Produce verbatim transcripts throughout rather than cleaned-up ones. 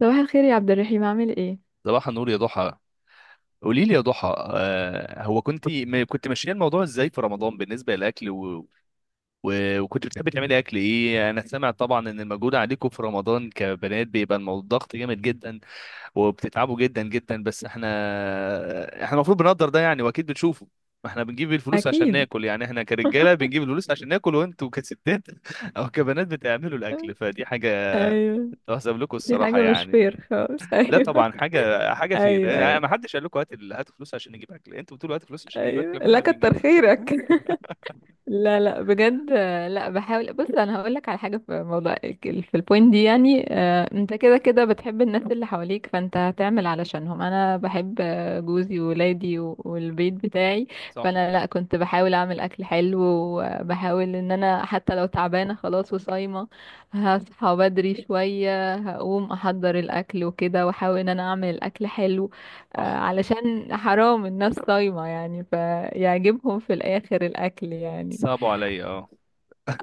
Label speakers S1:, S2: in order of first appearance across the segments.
S1: صباح الخير يا عبد الرحيم، عامل ايه؟
S2: صباح النور يا ضحى. قولي لي يا ضحى، آه هو كنت ما كنت ماشيه الموضوع ازاي في رمضان بالنسبه للاكل و... و... وكنت بتحبي تعملي اكل ايه؟ انا سامع طبعا ان المجهود عليكم في رمضان كبنات بيبقى الموضوع ضغط جامد جدا، وبتتعبوا جدا جدا. بس احنا احنا المفروض بنقدر ده يعني، واكيد بتشوفوا ما احنا بنجيب الفلوس عشان
S1: اكيد.
S2: ناكل، يعني احنا كرجاله بنجيب الفلوس عشان ناكل، وانتوا كستات او كبنات بتعملوا الاكل، فدي حاجه
S1: ايوه.
S2: تحسب لكم
S1: دي
S2: الصراحه
S1: حاجه مش
S2: يعني.
S1: فير خالص.
S2: لا
S1: ايوه
S2: طبعا حاجه حاجه في
S1: ايوه ايوه
S2: أنا- ما حدش قال لكم هات ال- هاتوا فلوس عشان نجيب اكل. انتوا بتقولوا هاتوا فلوس عشان نجيب
S1: ايوه.
S2: اكل،
S1: لا
S2: فاحنا
S1: كتر
S2: بنجيب.
S1: خيرك. لا لا بجد. آه، لا بحاول. بص، انا هقول لك على حاجه في موضوع ال- في البوينت دي يعني. آه، انت كده كده بتحب الناس اللي حواليك، فانت هتعمل علشانهم. انا بحب آه، جوزي وولادي و- والبيت بتاعي.
S2: صح
S1: فانا لا، كنت بحاول اعمل اكل حلو، وبحاول ان انا حتى لو تعبانه خلاص وصايمه، هصحى بدري شويه، هقوم احضر الاكل وكده، واحاول ان انا اعمل الاكل حلو. آه،
S2: صح.
S1: علشان حرام الناس صايمه يعني، فيعجبهم في الاخر الاكل يعني.
S2: صعبوا عليا، اه.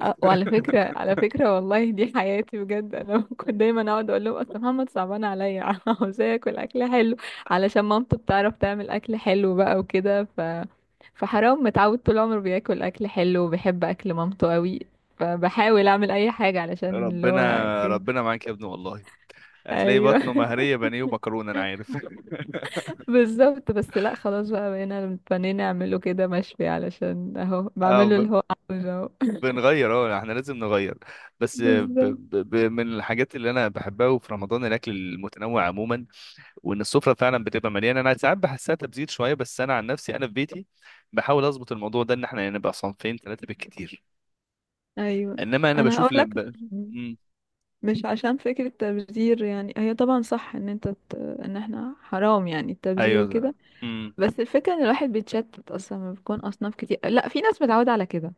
S1: آه، وعلى فكرة على فكرة، والله دي حياتي بجد، انا كنت دايما اقعد اقول لهم اصل محمد صعبان عليا عاوزاه ياكل اكل حلو علشان مامته بتعرف تعمل اكل حلو بقى وكده. ف فحرام، متعود طول عمره بياكل اكل حلو وبيحب اكل مامته قوي، فبحاول اعمل اي حاجة علشان اللي هو
S2: ربنا،
S1: كده.
S2: ربنا معاك يا ابني والله. هتلاقي
S1: ايوه.
S2: بطنه مهريه بانيه ومكرونه انا عارف.
S1: بالظبط. بس لا خلاص بقى، بقينا متفنين نعمله كده مشوي علشان اهو
S2: اه
S1: بعمله اللي
S2: ب-
S1: هو عاوزه اهو.
S2: بنغير، اه احنا لازم نغير. بس ب
S1: بالظبط.
S2: ب ب من الحاجات اللي انا بحبها وفي رمضان الاكل المتنوع عموما، وان السفره فعلا بتبقى مليانه. انا ساعات بحسها تبذير شويه، بس انا عن نفسي انا في بيتي بحاول اظبط الموضوع ده، ان احنا يعني نبقى صنفين ثلاثه بالكتير،
S1: ايوه،
S2: انما انا
S1: انا هقول
S2: بشوف ل...
S1: لك.
S2: ب... مم.
S1: مش عشان فكرة تبذير يعني، هي طبعا صح ان انت ت... ان احنا حرام يعني التبذير
S2: ايوه ده.
S1: وكده.
S2: مم.
S1: بس الفكرة ان الواحد بيتشتت، اصلا ما بيكون اصناف كتير. لا، في ناس متعودة على كده،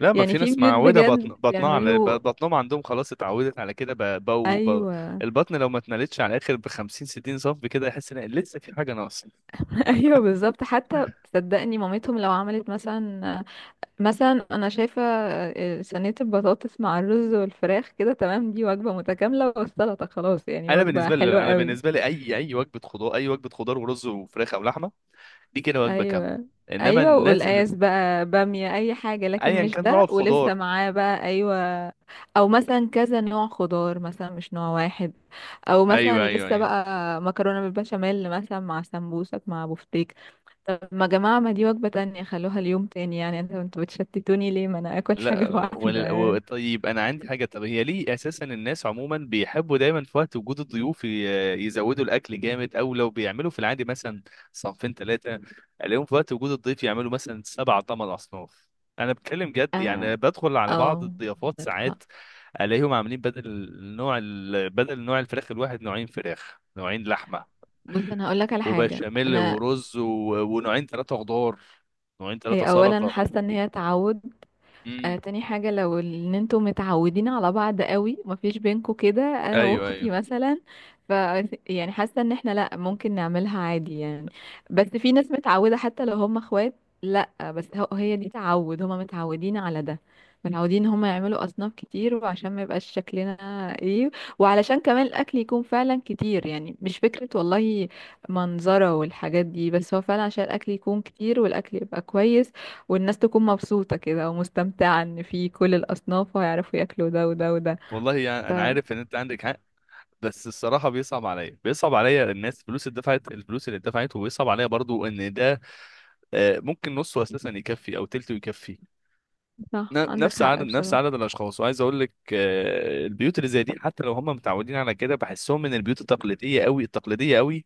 S2: لا، ما
S1: يعني
S2: في
S1: في
S2: ناس
S1: بيوت
S2: معودة، بطن
S1: بجد
S2: بطنها على ب-
S1: بيعملوا.
S2: بطنهم عندهم خلاص اتعودت على كده ب... بو... بو...
S1: ايوه.
S2: البطن لو ما اتملتش على الاخر ب خمسين ستين سم كده، يحس ان لسه في حاجة ناقصة.
S1: ايوه بالظبط حتى. صدقني مامتهم لو عملت مثلا، مثلا انا شايفة صينية البطاطس مع الرز والفراخ كده تمام، دي وجبة متكاملة، والسلطة خلاص، يعني
S2: انا
S1: وجبة
S2: بالنسبة
S1: حلوة
S2: لي انا
S1: قوي.
S2: بالنسبة لي، اي اي وجبة خضار، اي وجبة خضار ورز وفراخ او لحمة، دي كده وجبة كاملة.
S1: ايوه
S2: انما
S1: ايوه،
S2: الناس اللي
S1: وقلقاس بقى، باميه، اي حاجه، لكن
S2: ايا
S1: مش
S2: كان نوع
S1: ده، ولسه
S2: الخضار.
S1: معاه بقى، ايوه. او مثلا كذا نوع خضار مثلا مش نوع واحد. او مثلا
S2: ايوه ايوه
S1: لسه
S2: ايوه.
S1: بقى مكرونه بالبشاميل مثلا مع سمبوسك مع بفتيك. طب ما يا جماعه، ما دي وجبه تانية، خلوها ليوم تاني يعني. انتوا انتوا بتشتتوني ليه؟ ما انا اكل حاجه
S2: لا،
S1: واحده
S2: ولا و-
S1: يعني.
S2: طيب انا عندي حاجه. طب هي ليه اساسا الناس عموما بيحبوا دايما في وقت وجود الضيوف ي- يزودوا الاكل جامد؟ او لو بيعملوا في العادي مثلا صنفين ثلاثه، الاقيهم في وقت وجود الضيف يعملوا مثلا سبع ثمان اصناف. انا بتكلم جد
S1: اه.
S2: يعني، بدخل على بعض
S1: أو،
S2: الضيافات
S1: عندك حق.
S2: ساعات الاقيهم عاملين بدل نوع ال... بدل نوع الفراخ الواحد، نوعين فراخ، نوعين لحمه،
S1: بص، انا هقول لك على حاجه.
S2: وبشاميل
S1: انا،
S2: ورز و... ونوعين ثلاثه خضار، نوعين ثلاثه
S1: هي اولا
S2: سلطه.
S1: حاسه ان هي تعود.
S2: امم.
S1: آه تاني حاجة، لو ان انتوا متعودين على بعض قوي مفيش بينكوا كده، انا
S2: ايوه ايوه.
S1: واختي مثلا، ف يعني حاسة ان احنا لا، ممكن نعملها عادي يعني. بس في ناس متعودة حتى لو هم اخوات. لا بس هو- هي دي تعود، هم متعودين على ده، متعودين هم يعملوا اصناف كتير، وعشان ما يبقاش شكلنا ايه، وعلشان كمان الاكل يكون فعلا كتير، يعني مش فكرة والله منظرة والحاجات دي، بس هو فعلا عشان الاكل يكون كتير والاكل يبقى كويس والناس تكون مبسوطة كده ومستمتعة، ان في كل الأصناف وهيعرفوا ياكلوا ده وده وده.
S2: والله يعني
S1: ف
S2: انا عارف ان انت عندك حق، بس الصراحه بيصعب عليا بيصعب عليا الناس، الفلوس اللي دفعت، الفلوس اللي دفعت وبيصعب عليا برضو ان ده آه، ممكن نصه اساسا يكفي او تلته يكفي
S1: صح
S2: ن-
S1: عندك
S2: نفس عدد
S1: حق
S2: نفس
S1: بصراحة.
S2: عدد الاشخاص. وعايز اقول لك، آه، البيوت اللي زي دي حتى لو هم متعودين على كده، بحسهم من البيوت التقليديه قوي، التقليديه قوي،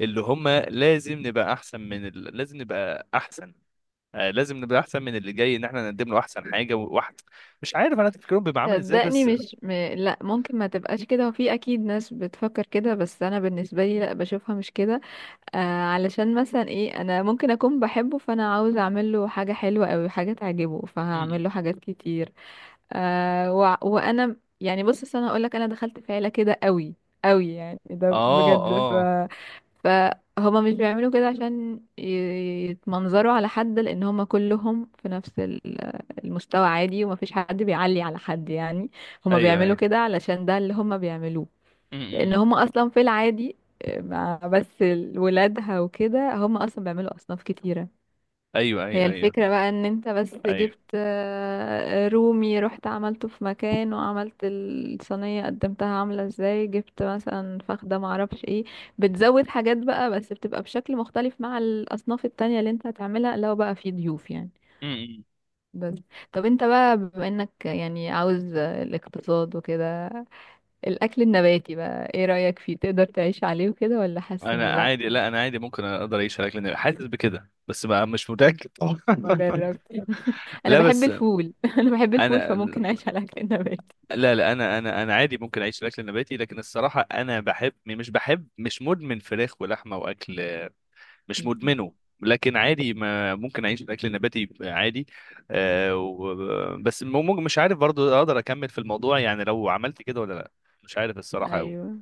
S2: اللي هم لازم نبقى احسن من ال... لازم نبقى احسن، آه، لازم نبقى احسن من اللي جاي، ان احنا نقدم له احسن حاجه. وواحد مش عارف انا تفكيرهم بيبقى عامل ازاي،
S1: صدقني
S2: بس م-
S1: مش م... لا، ممكن ما تبقاش كده، وفي اكيد ناس بتفكر كده، بس انا بالنسبه لي لا، بشوفها مش كده. آه علشان مثلا ايه، انا ممكن اكون بحبه فانا عاوز اعمل له حاجه حلوه او حاجه تعجبه،
S2: م.
S1: فهعمل له حاجات كتير. آه وع- وانا يعني، بص أصل انا هقول لك، انا دخلت في عيله كده قوي قوي يعني ده
S2: اه
S1: بجد. ف
S2: اه.
S1: فهما مش بيعملوا كده عشان ي- يتمنظروا على حد، لان هما كلهم في نفس ال- المستوى عادي، ومفيش حد بيعلي على حد يعني. هما
S2: ايوه
S1: بيعملوا
S2: ايوه.
S1: كده علشان ده اللي هما بيعملوه، لان
S2: امم.
S1: هما اصلا في العادي. آه، مع بس ولادها وكده هما اصلا بيعملوا اصناف كتيره.
S2: ايوه
S1: هي
S2: ايوه ايوه
S1: الفكرة بقى، ان انت بس
S2: ايوه.
S1: جبت آه، رومي، رحت عملته في مكان وعملت الصينية قدمتها عاملة ازاي، جبت مثلا فخدة معرفش ايه، بتزود حاجات بقى بس بتبقى بشكل مختلف مع الاصناف التانية اللي انت هتعملها لو بقى في ضيوف يعني.
S2: امم.
S1: بس. طب انت بقى بما انك يعني عاوز الاقتصاد وكده، الاكل النباتي بقى ايه رأيك فيه؟ تقدر تعيش عليه وكده ولا حاسس ان
S2: انا
S1: لا؟
S2: عادي، لا انا عادي ممكن اقدر اعيش على الاكل، حاسس بكده بس بقى مش متاكد طبعا.
S1: ما جربت. انا
S2: لا
S1: بحب
S2: بس
S1: الفول. انا بحب الفول
S2: انا،
S1: فممكن اعيش على اكل النباتي.
S2: لا لا انا انا انا عادي ممكن اعيش على الاكل النباتي، لكن الصراحه انا بحب، مش بحب مش مدمن فراخ ولحمه واكل، مش مدمنه، لكن عادي ما ممكن اعيش على الاكل النباتي عادي. آه و... بس ممكن، مش عارف برضو اقدر اكمل في الموضوع يعني لو عملت كده ولا لا، مش عارف الصراحه قوي
S1: ايوه.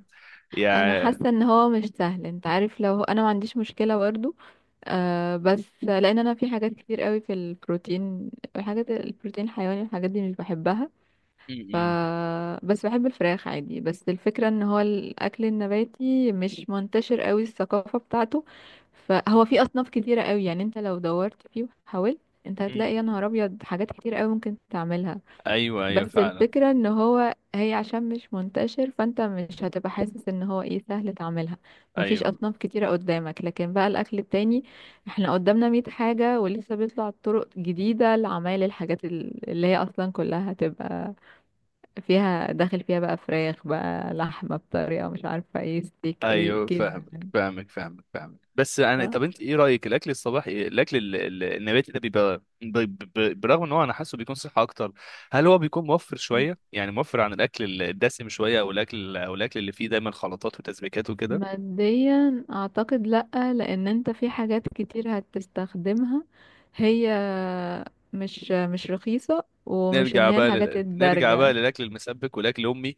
S1: انا
S2: يعني.
S1: حاسه ان هو مش سهل، انت عارف، لو انا ما عنديش مشكله برضو. آه بس لان انا في حاجات كتير قوي في البروتين، الحاجات البروتين الحيواني، الحاجات دي مش بحبها، ف بس بحب الفراخ عادي. بس الفكره ان هو الاكل النباتي مش منتشر قوي، الثقافه بتاعته، فهو في اصناف كتيره قوي يعني. انت لو دورت فيه وحاولت، انت هتلاقي يا
S2: مم.
S1: نهار ابيض حاجات كتير قوي ممكن تعملها.
S2: ايوه ايوه
S1: بس
S2: فعلا.
S1: الفكرة ان هو هي عشان مش منتشر، فانت مش هتبقى حاسس ان هو ايه، سهل تعملها، مفيش
S2: ايوه
S1: اصناف كتيرة قدامك. لكن بقى الاكل التاني، احنا قدامنا مية حاجة ولسه بيطلع طرق جديدة لعمايل الحاجات ال- اللي هي اصلا كلها هتبقى فيها داخل، فيها بقى فراخ بقى لحمة بطريقة مش عارفة ايه، ستيك ايه
S2: ايوه
S1: كده
S2: فاهمك
S1: يعني.
S2: فاهمك فاهمك فاهمك بس انا،
S1: صح؟
S2: طب انت ايه رايك الاكل الصباحي، الاكل ال- ال- النباتي ده بيبقى ب- ب- برغم ان هو انا حاسه بيكون صحه اكتر، هل هو بيكون موفر شويه؟ يعني موفر عن الاكل ال- الدسم شويه، او الاكل، او الاكل اللي فيه دايما خلطات وتسبيكات وكده.
S1: ماديا اعتقد لأ، لان انت في حاجات كتير هتستخدمها، هي مش مش رخيصة، ومش
S2: نرجع
S1: ان هي
S2: بقى
S1: الحاجات
S2: لل... نرجع بقى
S1: الدارجة.
S2: للاكل المسبك والاكل امي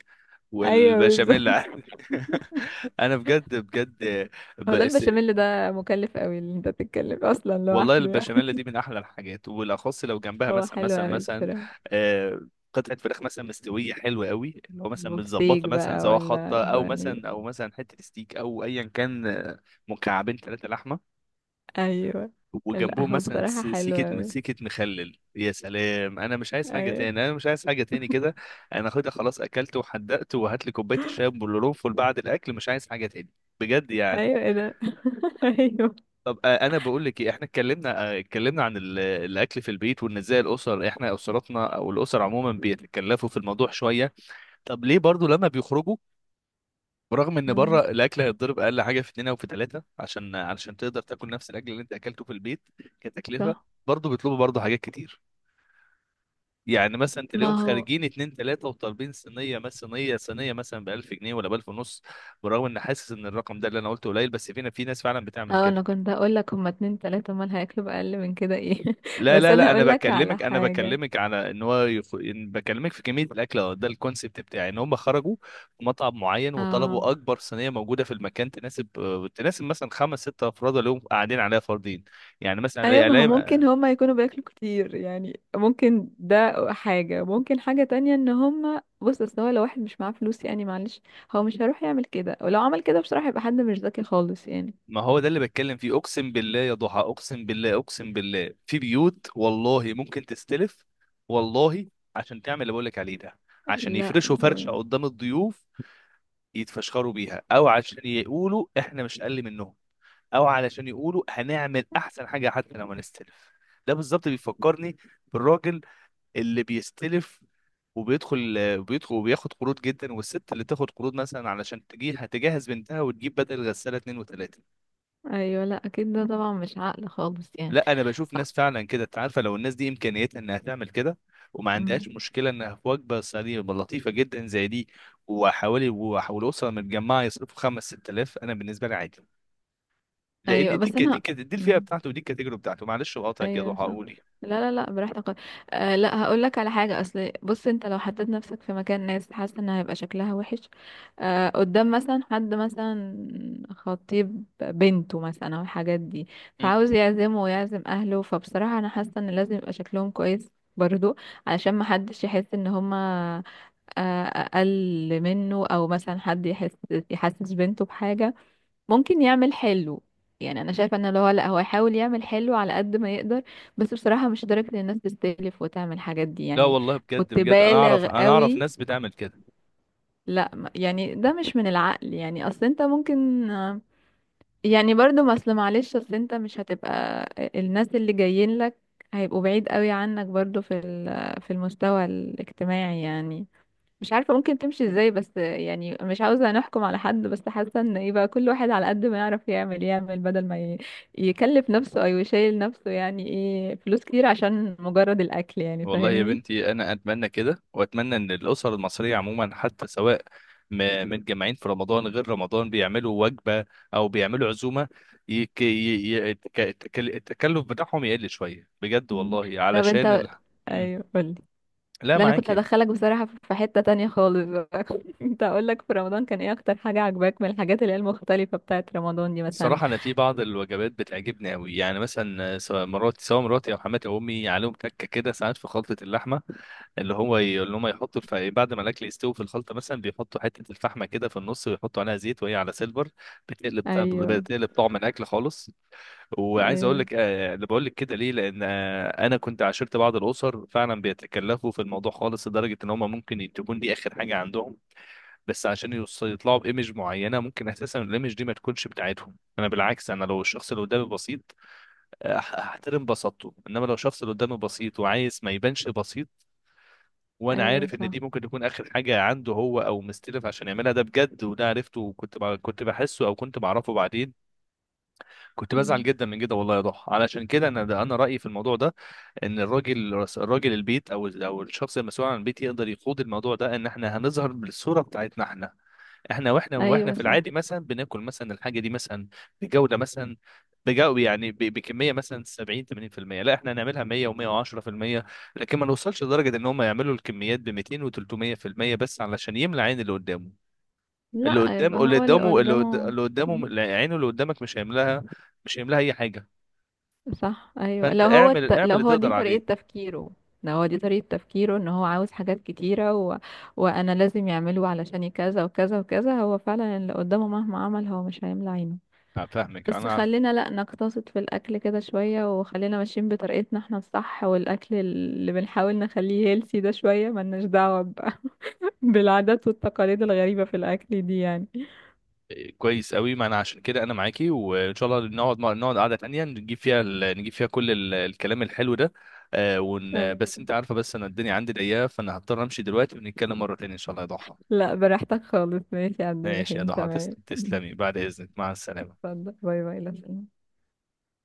S1: ايوه
S2: والبشاميل.
S1: بالظبط.
S2: انا بجد بجد،
S1: هو لا، البشاميل ده مكلف قوي اللي انت تتكلم اصلا
S2: والله
S1: لوحده يعني.
S2: البشاميل دي من احلى الحاجات، وبالاخص لو جنبها
S1: هو
S2: مثلا
S1: حلو
S2: مثلا
S1: قوي
S2: مثلا
S1: بصراحة.
S2: آه، قطعه فراخ مثلا مستويه حلوه قوي، اللي هو مثلا
S1: بفتيك
S2: متظبطه، مثلا
S1: بقى
S2: سواء
S1: ولا
S2: خطه، او
S1: بني.
S2: مثلا او مثلا حته ستيك، او ايا كان آه، مكعبين ثلاثه لحمه،
S1: ايوه. لا
S2: وجنبهم
S1: هو
S2: مثلا
S1: بصراحة
S2: س-
S1: حلو
S2: سيكه
S1: قوي.
S2: سيكه مخلل، يا سلام! انا مش عايز حاجه
S1: ايوه
S2: تاني، انا مش عايز حاجه تاني كده انا خدها خلاص، اكلت وحدقت، وهات لي كوبايه الشاي بالقرنفل بعد الاكل، مش عايز حاجه تاني بجد يعني.
S1: ايوه ايه ده؟ ايوه.
S2: طب آه، انا بقول لك إيه، احنا اتكلمنا آه، اتكلمنا عن ال- الاكل في البيت، وان ازاي الاسر، احنا اسرتنا او الاسر عموما بيتكلفوا في الموضوع شويه. طب ليه برضو لما بيخرجوا، برغم ان بره
S1: مم.
S2: الاكل هيتضرب اقل حاجه في اتنين او في ثلاثه عشان علشان تقدر تاكل نفس الاكل اللي انت اكلته في البيت كتكلفه،
S1: صح.
S2: برضو بيطلبوا برضو حاجات كتير. يعني مثلا تلاقيهم
S1: ما هو،
S2: خارجين اتنين تلاته وطالبين صينيه مثلا، صينيه صينيه مثلا ب ألف جنيه، ولا ب ألف ونص، برغم ان حاسس ان الرقم ده اللي انا قلته قليل، بس فينا في ناس فعلا بتعمل
S1: اه انا
S2: كده.
S1: كنت هقول لك هما اتنين تلاتة، امال هياكلوا بأقل من كده ايه؟
S2: لا
S1: بس
S2: لا
S1: انا
S2: لا انا
S1: هقول لك على
S2: بكلمك، انا
S1: حاجة.
S2: بكلمك على ان هو يخ... إن بكلمك في كميه الاكل أهو، ده الكونسيبت بتاعي ان هم خرجوا في مطعم معين
S1: اه.
S2: وطلبوا اكبر صينيه موجوده في المكان تناسب، آه، تناسب مثلا خمس ست افراد، اللي هم قاعدين عليها فردين. يعني مثلا
S1: ايوه،
S2: ألاقي-
S1: ما هو ممكن
S2: ألاقي-
S1: هما يكونوا بياكلوا كتير يعني، ممكن ده حاجة. ممكن حاجة تانية، ان هما بص اصل هو لو واحد مش معاه فلوس يعني معلش، هو مش هيروح يعمل كده. ولو عمل كده بصراحة يبقى حد مش ذكي خالص يعني.
S2: ما هو ده اللي بتكلم فيه، اقسم بالله يا ضحى، اقسم بالله اقسم بالله في بيوت والله ممكن تستلف، والله، عشان تعمل اللي بقول لك عليه ده، عشان
S1: لا
S2: يفرشوا فرشه
S1: ده.
S2: قدام الضيوف يتفشخروا بيها، او عشان يقولوا احنا مش اقل منهم، او علشان يقولوا هنعمل احسن حاجه حتى لو ما نستلف. ده بالظبط بيفكرني بالراجل اللي بيستلف وبيدخل وبيدخل وبياخد قروض جدا، والست اللي تاخد قروض مثلا علشان تجي هتجهز بنتها وتجيب بدل غساله اتنين وتلاته.
S1: ايوه لا اكيد، ده طبعا مش عقل خالص يعني.
S2: لا انا بشوف
S1: ف...
S2: ناس فعلا كده، انت عارفه لو الناس دي امكانيتها انها تعمل كده وما
S1: مم.
S2: عندهاش مشكله، انها في وجبه سريعه لطيفه جدا زي دي، وحوالي وحوالي اسره متجمعه يصرفوا خمس ست الاف، انا بالنسبه لي عادي، لان
S1: ايوه
S2: دي
S1: بس
S2: ك- دي
S1: انا.
S2: ك- دي الفئه
S1: مم.
S2: بتاعته، ودي الكاتيجوري بتاعته. معلش بقاطعك يا
S1: ايوه
S2: ضحى
S1: صح.
S2: اقول.
S1: لا لا لا براحتك. آه لا، هقول لك على حاجه. اصل بص، انت لو حطيت نفسك في مكان ناس، حاسه ان هيبقى شكلها وحش. آه قدام مثلا حد مثلا خطيب بنته مثلا او الحاجات دي، فعاوز
S2: مم.
S1: يعزمه ويعزم اهله، فبصراحه انا حاسه ان لازم يبقى شكلهم كويس برضو، علشان ما حدش يحس ان هما آه، اقل منه، او مثلا حد يحس يحسس بنته بحاجه. ممكن يعمل حلو، يعني انا شايفه ان اللي هو لا هو يحاول يعمل حلو على قد ما يقدر، بس بصراحه مش لدرجه ان الناس تستلف وتعمل الحاجات دي
S2: لا
S1: يعني.
S2: والله بجد
S1: كنت
S2: بجد، انا اعرف،
S1: بالغ
S2: انا اعرف
S1: قوي.
S2: ناس بتعمل كده.
S1: لا ما- يعني ده مش من العقل يعني. اصل انت ممكن، يعني برضو ما اصل معلش، اصل انت مش هتبقى، الناس اللي جايين لك هيبقوا بعيد قوي عنك برضو في ال- في المستوى الاجتماعي يعني. مش عارفة ممكن تمشي ازاي، بس يعني مش عاوزة نحكم على حد، بس حاسة ان يبقى كل واحد على قد ما يعرف يعمل يعمل، بدل ما ي- يكلف نفسه او يشيل نفسه يعني ايه فلوس كتير عشان مجرد الاكل يعني،
S2: والله يا
S1: فاهمني.
S2: بنتي انا اتمنى كده، واتمنى ان الاسر المصريه عموما حتى سواء م- متجمعين في رمضان غير رمضان، بيعملوا وجبه او بيعملوا عزومه، يك... ي... ي... التك- التكل- التكلف بتاعهم يقل شويه بجد
S1: مم.
S2: والله
S1: طب
S2: علشان
S1: انت.
S2: ال... مم.
S1: ايوه قولي.
S2: لا
S1: لا انا كنت
S2: معاك يعني.
S1: هدخلك بصراحة في حتة تانية خالص بقى، كنت هقول لك في رمضان كان ايه اكتر حاجة عجباك من الحاجات اللي هي المختلفة بتاعت رمضان دي مثلا؟
S2: الصراحة أنا في بعض الوجبات بتعجبني أوي، يعني مثلا سواء مراتي سواء مراتي أو حماتي أو أمي، عليهم تكة كده ساعات في خلطة اللحمة، اللي هو ي- اللي هم يحطوا الف... بعد ما الأكل يستوي في الخلطة مثلا، بيحطوا حتة الفحمة كده في النص، ويحطوا عليها زيت وهي على سيلفر، بتقلب
S1: ايوه
S2: بتقلب طعم الأكل خالص. وعايز أقول
S1: ايوه
S2: لك، آه، اللي بقول لك كده ليه، لأن آه، أنا كنت عاشرت بعض الأسر فعلا بيتكلفوا في الموضوع خالص، لدرجة إن هم ممكن تكون دي آخر حاجة عندهم، بس عشان يوص- يطلعوا بايمج معينه، ممكن اساسا الايمج دي ما تكونش بتاعتهم. انا بالعكس، انا لو الشخص اللي قدامي بسيط أح- احترم بساطته، انما لو الشخص اللي قدامي بسيط وعايز ما يبانش بسيط، وانا
S1: ايوه
S2: عارف ان
S1: صح.
S2: دي ممكن تكون اخر حاجه عنده، هو او مستلف عشان يعملها ده بجد، وده عرفته وكنت ب... كنت بحسه او كنت بعرفه بعدين، كنت بزعل
S1: مم.
S2: جدا من كده والله يا ضحى. علشان كده انا، ده انا رايي في الموضوع ده، ان الراجل الراجل البيت، او او الشخص المسؤول عن البيت يقدر يقود الموضوع ده، ان احنا هنظهر بالصوره بتاعتنا احنا، احنا واحنا واحنا
S1: ايوه
S2: في
S1: صح.
S2: العادي مثلا بناكل مثلا الحاجه دي مثلا بجوده، مثلا بجو يعني ب- بكميه مثلا سبعين ثمانين في المية، لا احنا هنعملها مية و110%، لكن ما نوصلش لدرجه ان هم يعملوا الكميات ب ميتين و300% بس علشان يملى عين اللي قدامه. اللي
S1: لا يبقى
S2: قدامه، اللي
S1: هو اللي
S2: قدامه اللي قد-
S1: قدامه.
S2: اللي قدامه عينه، اللي قدامك مش هيملاها، مش هيملاها اي حاجه.
S1: صح ايوه،
S2: فانت
S1: لو هو
S2: اعمل،
S1: الت...
S2: اعمل
S1: لو
S2: اللي
S1: هو
S2: تقدر
S1: دي
S2: عليه.
S1: طريقة تفكيره، لو هو دي طريقة تفكيره ان هو عاوز حاجات كتيرة و... وانا لازم يعمله علشان كذا وكذا وكذا، هو فعلا اللي قدامه مهما عمل هو مش هيملى عينه.
S2: أنا فاهمك،
S1: بس
S2: انا.
S1: خلينا لا نقتصد في الاكل كده شوية، وخلينا ماشيين بطريقتنا احنا الصح، والاكل اللي بنحاول نخليه هيلسي ده شوية، ملناش دعوة ب... بالعادات والتقاليد الغريبة في الاكل دي يعني.
S2: كويس قوي، ما انا عشان كده انا معاكي، وان شاء الله نقعد، نقعد قعده تانية نجيب فيها ال... نجيب فيها كل ال... الكلام الحلو ده. آه ون... بس
S1: أيوة.
S2: انت عارفه، بس انا الدنيا عندي ضيقه، فانا هضطر امشي دلوقتي ونتكلم مره تانية ان شاء الله يا ضحى.
S1: لا براحتك خالص. ماشي يا عبد
S2: ماشي يا
S1: الرحيم
S2: ضحى
S1: تمام.
S2: تسلم- تسلمي، بعد اذنك، مع السلامه.
S1: اتفضل، باي باي، لسلام.